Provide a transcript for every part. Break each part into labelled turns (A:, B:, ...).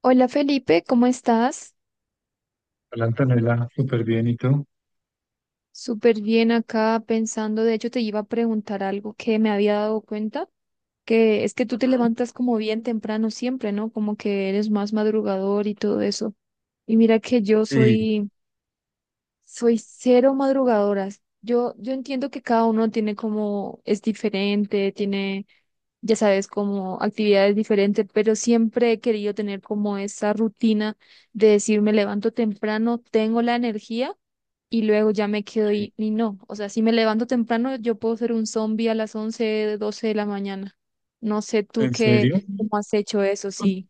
A: Hola Felipe, ¿cómo estás?
B: Hola Antonella, súper bien, ¿y tú?
A: Súper bien acá pensando, de hecho te iba a preguntar algo que me había dado cuenta, que es que tú te levantas como bien temprano siempre, ¿no? Como que eres más madrugador y todo eso. Y mira que yo
B: Sí,
A: soy cero madrugadoras. Yo entiendo que cada uno tiene como, es diferente, tiene, ya sabes, como actividades diferentes, pero siempre he querido tener como esa rutina de decir, me levanto temprano, tengo la energía y luego ya me quedo
B: sí.
A: y no. O sea, si me levanto temprano, yo puedo ser un zombie a las 11 12 de la mañana. No sé tú
B: ¿En
A: qué,
B: serio?
A: cómo has hecho eso, sí.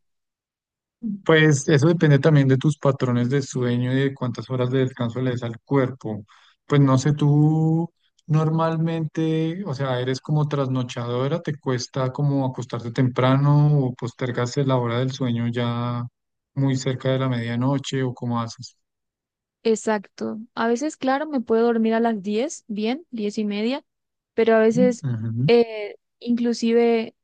B: Pues eso depende también de tus patrones de sueño y de cuántas horas de descanso le des al cuerpo. Pues no sé, tú normalmente, o sea, eres como trasnochadora, ¿te cuesta como acostarte temprano o postergas la hora del sueño ya muy cerca de la medianoche o cómo haces?
A: Exacto. A veces, claro, me puedo dormir a las 10, bien, 10:30, pero a veces
B: Ujú.
A: inclusive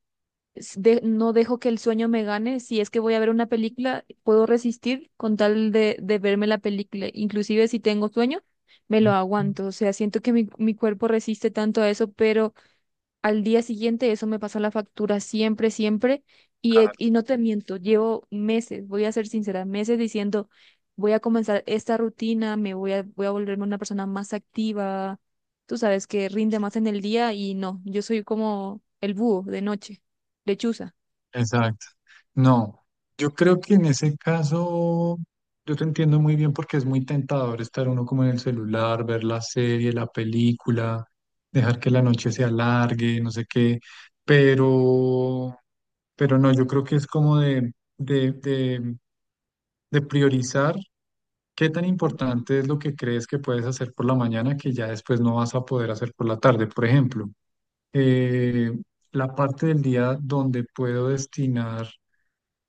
A: no dejo que el sueño me gane. Si es que voy a ver una película, puedo resistir con tal de verme la película. Inclusive si tengo sueño, me lo
B: Ujú.
A: aguanto. O sea, siento que mi cuerpo resiste tanto a eso, pero al día siguiente eso me pasa la factura siempre, siempre. Y no te miento, llevo meses, voy a ser sincera, meses diciendo, voy a comenzar esta rutina, me voy a volverme una persona más activa, tú sabes, que rinde más en el día y no, yo soy como el búho de noche, lechuza.
B: Exacto. No, yo creo que en ese caso yo te entiendo muy bien porque es muy tentador estar uno como en el celular, ver la serie, la película, dejar que la noche se alargue, no sé qué, pero, pero no, yo creo que es como de, de, de priorizar qué tan importante es lo que crees que puedes hacer por la mañana que ya después no vas a poder hacer por la tarde. Por ejemplo, eh, la parte del día donde puedo destinar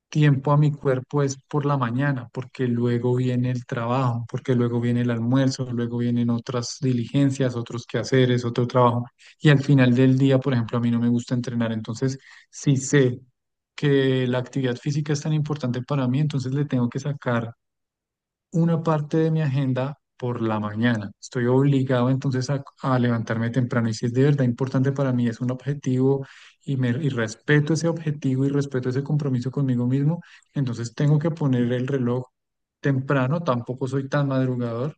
B: tiempo a mi cuerpo es por la mañana, porque luego viene el trabajo, porque luego viene el almuerzo, luego vienen otras diligencias, otros quehaceres, otro trabajo. Y al final del día, por ejemplo, a mí no me gusta entrenar, entonces sí sé que la actividad física es tan importante para mí, entonces le tengo que sacar una parte de mi agenda por la mañana. Estoy obligado entonces a levantarme temprano y si es de verdad importante para mí, es un objetivo y respeto ese objetivo y respeto ese compromiso conmigo mismo, entonces tengo que poner el reloj temprano, tampoco soy tan madrugador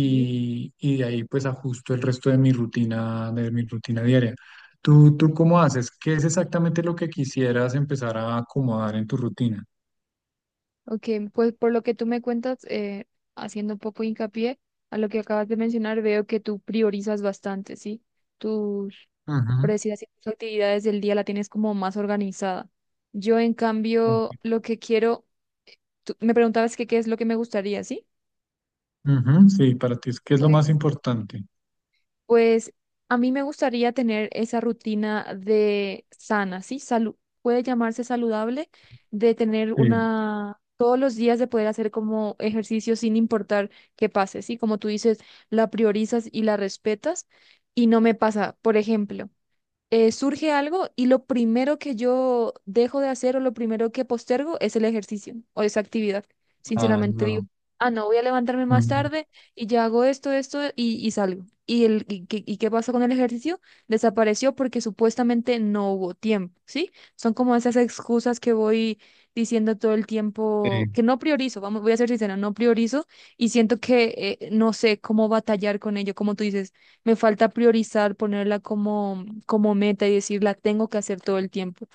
A: Sí,
B: y de ahí pues ajusto el resto de mi rutina diaria. ¿Tú cómo haces? ¿Qué es exactamente lo que quisieras empezar a acomodar en tu rutina?
A: ok, pues por lo que tú me cuentas, haciendo un poco hincapié a lo que acabas de mencionar, veo que tú priorizas bastante, ¿sí? tus Por
B: Ujú.
A: decir así, tus actividades del día la tienes como más organizada. Yo, en
B: Ok.
A: cambio, lo que quiero, tú me preguntabas que qué es lo que me gustaría, ¿sí?
B: Ujú, sí, para ti es que es lo más
A: Pues,
B: importante.
A: pues a mí me gustaría tener esa rutina de sana, ¿sí? Salud, puede llamarse saludable, de tener
B: Sí.
A: una, todos los días de poder hacer como ejercicio sin importar qué pase, ¿sí? Como tú dices, la priorizas y la respetas y no me pasa, por ejemplo. Surge algo y lo primero que yo dejo de hacer o lo primero que postergo es el ejercicio o esa actividad.
B: Ah,
A: Sinceramente digo,
B: no.
A: ah, no, voy a levantarme más
B: Mm,
A: tarde y ya hago esto, esto y salgo. ¿Y qué pasa con el ejercicio? Desapareció porque supuestamente no hubo tiempo, ¿sí? Son como esas excusas que voy diciendo todo el
B: sí.
A: tiempo, que no priorizo, vamos, voy a ser sincera, no priorizo y siento que no sé cómo batallar con ello, como tú dices me falta priorizar, ponerla como meta y decir, la tengo que hacer todo el tiempo.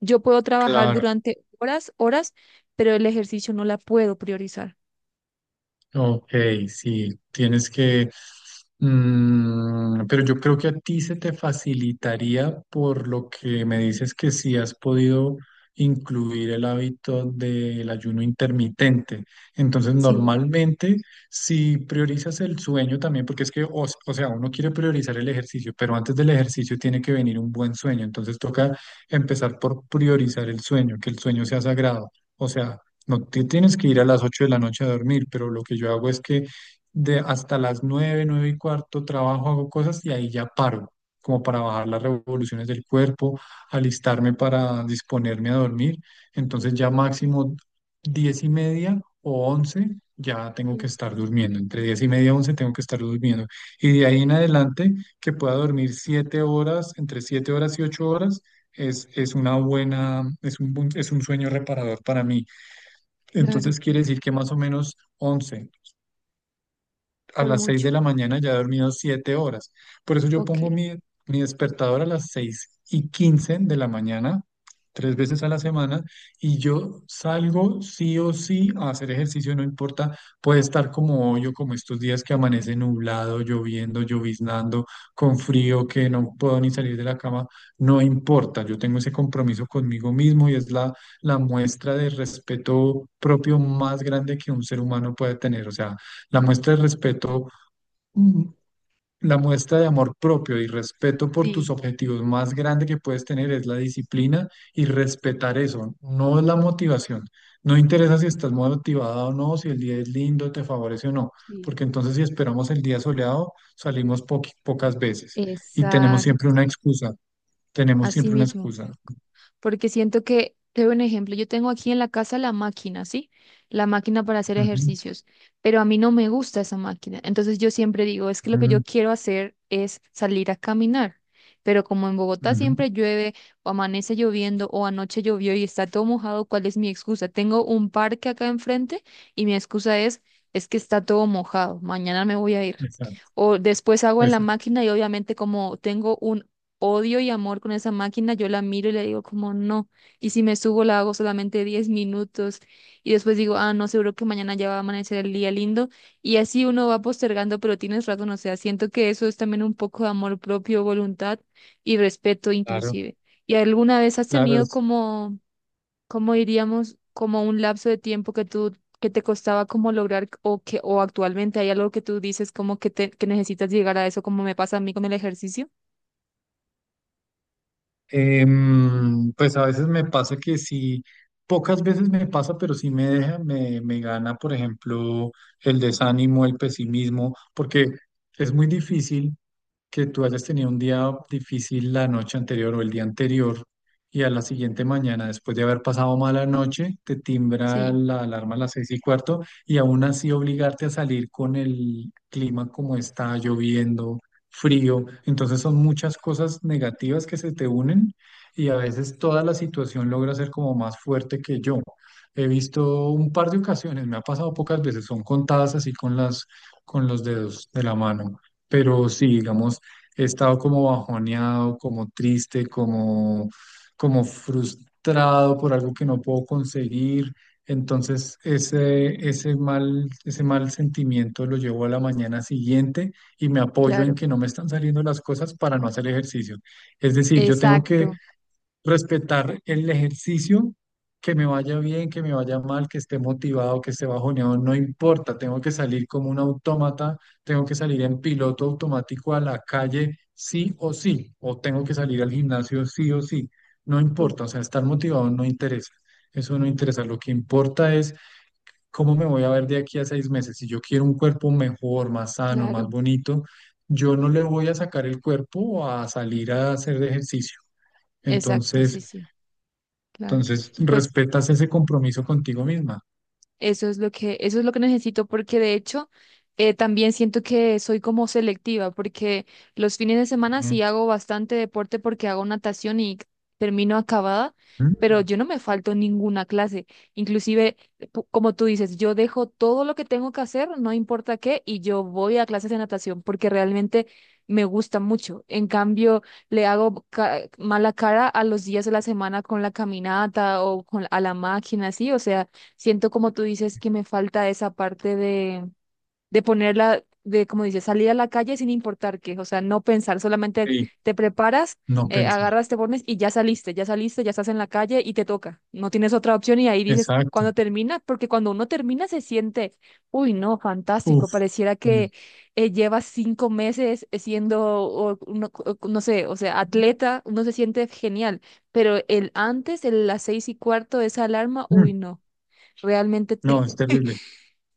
A: Yo puedo trabajar
B: Claro.
A: durante horas, horas, pero el ejercicio no la puedo priorizar.
B: Ok, sí, tienes que, pero yo creo que a ti se te facilitaría por lo que me dices que sí has podido incluir el hábito del ayuno intermitente. Entonces,
A: Sí,
B: normalmente, si priorizas el sueño también, porque es que, o sea, uno quiere priorizar el ejercicio, pero antes del ejercicio tiene que venir un buen sueño. Entonces, toca empezar por priorizar el sueño, que el sueño sea sagrado. O sea, no te tienes que ir a las 8 de la noche a dormir, pero lo que yo hago es que de hasta las nueve y cuarto trabajo, hago cosas y ahí ya paro, como para bajar las revoluciones del cuerpo, alistarme para disponerme a dormir. Entonces ya máximo 10:30 o 11 ya tengo que
A: sí,
B: estar durmiendo. Entre 10:30 y 11 tengo que estar durmiendo. Y de ahí en adelante que pueda dormir 7 horas, entre 7 horas y 8 horas. Es una buena, es un, es un sueño reparador para mí.
A: claro,
B: Entonces quiere decir que más o menos 11 a
A: por
B: las 6 de
A: mucho.
B: la mañana ya he dormido 7 horas. Por eso yo
A: Ok,
B: pongo mi despertador a las 6:15 de la mañana, 3 veces a la semana, y yo salgo sí o sí a hacer ejercicio, no importa, puede estar como hoy o como estos días que amanece nublado, lloviendo, lloviznando, con frío, que no puedo ni salir de la cama, no importa, yo tengo ese compromiso conmigo mismo y es la muestra de respeto propio más grande que un ser humano puede tener, o sea, la muestra de respeto, mm, la muestra de amor propio y respeto por tus
A: sí,
B: objetivos más grande que puedes tener es la disciplina y respetar eso, no es la motivación. No interesa si estás motivada o no, si el día es lindo, te favorece o no,
A: sí,
B: porque entonces si esperamos el día soleado, salimos pocas veces y tenemos siempre
A: exacto,
B: una excusa, tenemos
A: así
B: siempre una
A: mismo.
B: excusa.
A: Porque siento que, te doy un ejemplo, yo tengo aquí en la casa la máquina, ¿sí? La máquina para hacer
B: Ujú,
A: ejercicios, pero a mí no me gusta esa máquina. Entonces yo siempre digo, es que lo que yo quiero hacer es salir a caminar. Pero como en
B: ujú,
A: Bogotá
B: ujú.
A: siempre llueve o amanece lloviendo o anoche llovió y está todo mojado, ¿cuál es mi excusa? Tengo un parque acá enfrente y mi excusa es que está todo mojado, mañana me voy a ir.
B: Exacto,
A: O después hago en la
B: exacto.
A: máquina y obviamente como tengo un odio y amor con esa máquina, yo la miro y le digo como no, y si me subo la hago solamente 10 minutos y después digo, ah, no, seguro que mañana ya va a amanecer el día lindo y así uno va postergando, pero tienes razón, o sea, siento que eso es también un poco de amor propio, voluntad y respeto
B: Claro,
A: inclusive. ¿Y alguna vez has
B: claro.
A: tenido como, como diríamos, como un lapso de tiempo que tú que te costaba como lograr o que o actualmente hay algo que tú dices como que te que necesitas llegar a eso como me pasa a mí con el ejercicio?
B: Pues a veces me pasa que sí, pocas veces me pasa, pero sí me deja, me gana, por ejemplo, el desánimo, el pesimismo, porque es muy difícil que tú hayas tenido un día difícil la noche anterior o el día anterior y a la siguiente mañana, después de haber pasado mala noche, te timbra
A: Sí,
B: la alarma a las 6:15 y aún así obligarte a salir con el clima como está, lloviendo, frío. Entonces son muchas cosas negativas que se te unen y a veces toda la situación logra ser como más fuerte que yo. He visto un par de ocasiones, me ha pasado pocas veces, son contadas así con las, con los dedos de la mano. Pero sí, digamos, he estado como bajoneado, como triste, como, como frustrado por algo que no puedo conseguir. Entonces, ese mal sentimiento lo llevo a la mañana siguiente y me apoyo en
A: claro.
B: que no me están saliendo las cosas para no hacer ejercicio. Es decir, yo tengo que
A: Exacto,
B: respetar el ejercicio, que me vaya bien, que me vaya mal, que esté motivado, que esté bajoneado, no importa, tengo que salir como un autómata, tengo que salir en piloto automático a la calle sí o sí, o tengo que salir al gimnasio sí o sí, no
A: uf,
B: importa, o sea, estar motivado no interesa. Eso no interesa, lo que importa es cómo me voy a ver de aquí a 6 meses. Si yo quiero un cuerpo mejor, más sano, más
A: claro,
B: bonito, yo no le voy a sacar el cuerpo a salir a hacer ejercicio.
A: exacto,
B: Entonces,
A: sí, sí, claro.
B: entonces,
A: Pues
B: respetas ese compromiso contigo misma.
A: Eso es lo que, eso es lo que necesito, porque de hecho también siento que soy como selectiva, porque los fines de semana sí
B: Ujú.
A: hago bastante deporte porque hago natación y termino acabada, pero
B: Mm.
A: yo no me falto ninguna clase. Inclusive, como tú dices, yo dejo todo lo que tengo que hacer, no importa qué, y yo voy a clases de natación porque realmente me gusta mucho. En cambio, le hago mala cara a los días de la semana con la caminata o con, a la máquina, así, o sea. Siento como tú dices que me falta esa parte de ponerla, de como dices, salir a la calle sin importar qué, o sea, no pensar, solamente
B: Sí,
A: te preparas,
B: no pensé.
A: agarras, te pones y ya saliste, ya saliste, ya estás en la calle y te toca, no tienes otra opción y ahí dices,
B: Exacto.
A: cuando termina, porque cuando uno termina se siente, uy, no, fantástico,
B: Uf.
A: pareciera que
B: Mm.
A: llevas 5 meses siendo, no sé, o sea, atleta, uno se siente genial, pero el antes, el, las 6:15, esa alarma,
B: Mm.
A: uy, no. Realmente
B: No, es terrible.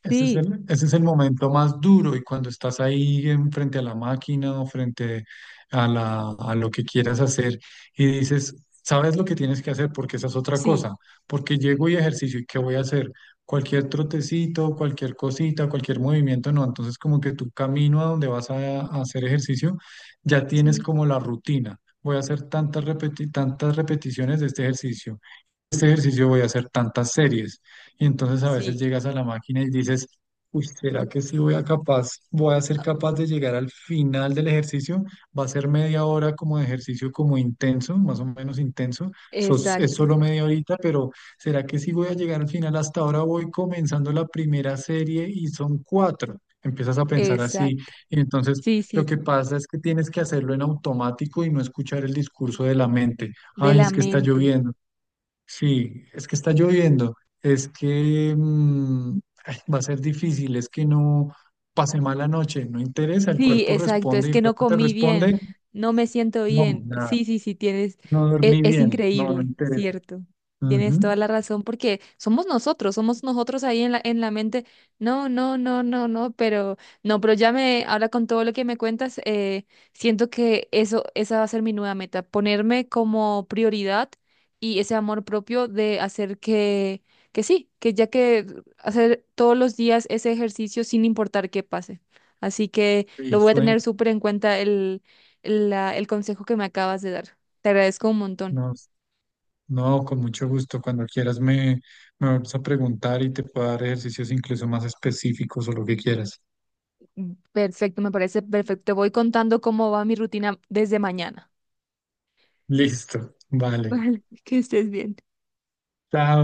B: Ese es
A: sí,
B: el, ese es el momento más duro y cuando estás ahí frente a la máquina o frente a lo que quieras hacer y dices, sabes lo que tienes que hacer porque esa es otra
A: sí,
B: cosa, porque llego y ejercicio y ¿qué voy a hacer? Cualquier trotecito, cualquier cosita, cualquier movimiento, no. Entonces como que tu camino a donde vas a hacer ejercicio ya tienes
A: sí,
B: como la rutina. Voy a hacer tantas repeticiones de este ejercicio. Este ejercicio voy a hacer tantas series. Y entonces a veces
A: sí,
B: llegas a la máquina y dices, uy, ¿será que sí voy a ser capaz de llegar al final del ejercicio? Va a ser media hora como de ejercicio como intenso, más o menos intenso. Es
A: exacto,
B: solo media horita, pero ¿será que sí voy a llegar al final? Hasta ahora voy comenzando la primera serie y son cuatro. Empiezas a pensar así
A: exacto.
B: y entonces
A: Sí,
B: lo
A: sí,
B: que pasa es que tienes que hacerlo en automático y no escuchar el discurso de la mente.
A: de
B: Ay,
A: la
B: es que está
A: mente.
B: lloviendo. Sí, es que está lloviendo, es que ay, va a ser difícil, es que no pasé mala noche, no interesa, el
A: Sí,
B: cuerpo
A: exacto, es
B: responde y el
A: que no
B: cuerpo te
A: comí bien,
B: responde,
A: no me siento
B: no,
A: bien.
B: nada,
A: Sí, sí, sí, tienes,
B: no dormí
A: es,
B: bien, no, no
A: increíble,
B: interesa.
A: cierto. Tienes
B: Ujú,
A: toda la razón porque somos nosotros ahí en la, mente. No, no, no, no, no, pero no, pero ya me, ahora con todo lo que me cuentas, siento que eso, esa va a ser mi nueva meta, ponerme como prioridad y ese amor propio de hacer que sí, que ya que hacer todos los días ese ejercicio sin importar qué pase. Así que lo
B: sí,
A: voy a
B: sueño,
A: tener súper en cuenta el consejo que me acabas de dar. Te agradezco un montón.
B: no, no, con mucho gusto, cuando quieras me vas a preguntar y te puedo dar ejercicios incluso más específicos o lo que quieras.
A: Perfecto, me parece perfecto. Te voy contando cómo va mi rutina desde mañana.
B: Listo, vale.
A: Vale, que estés bien.
B: Chao.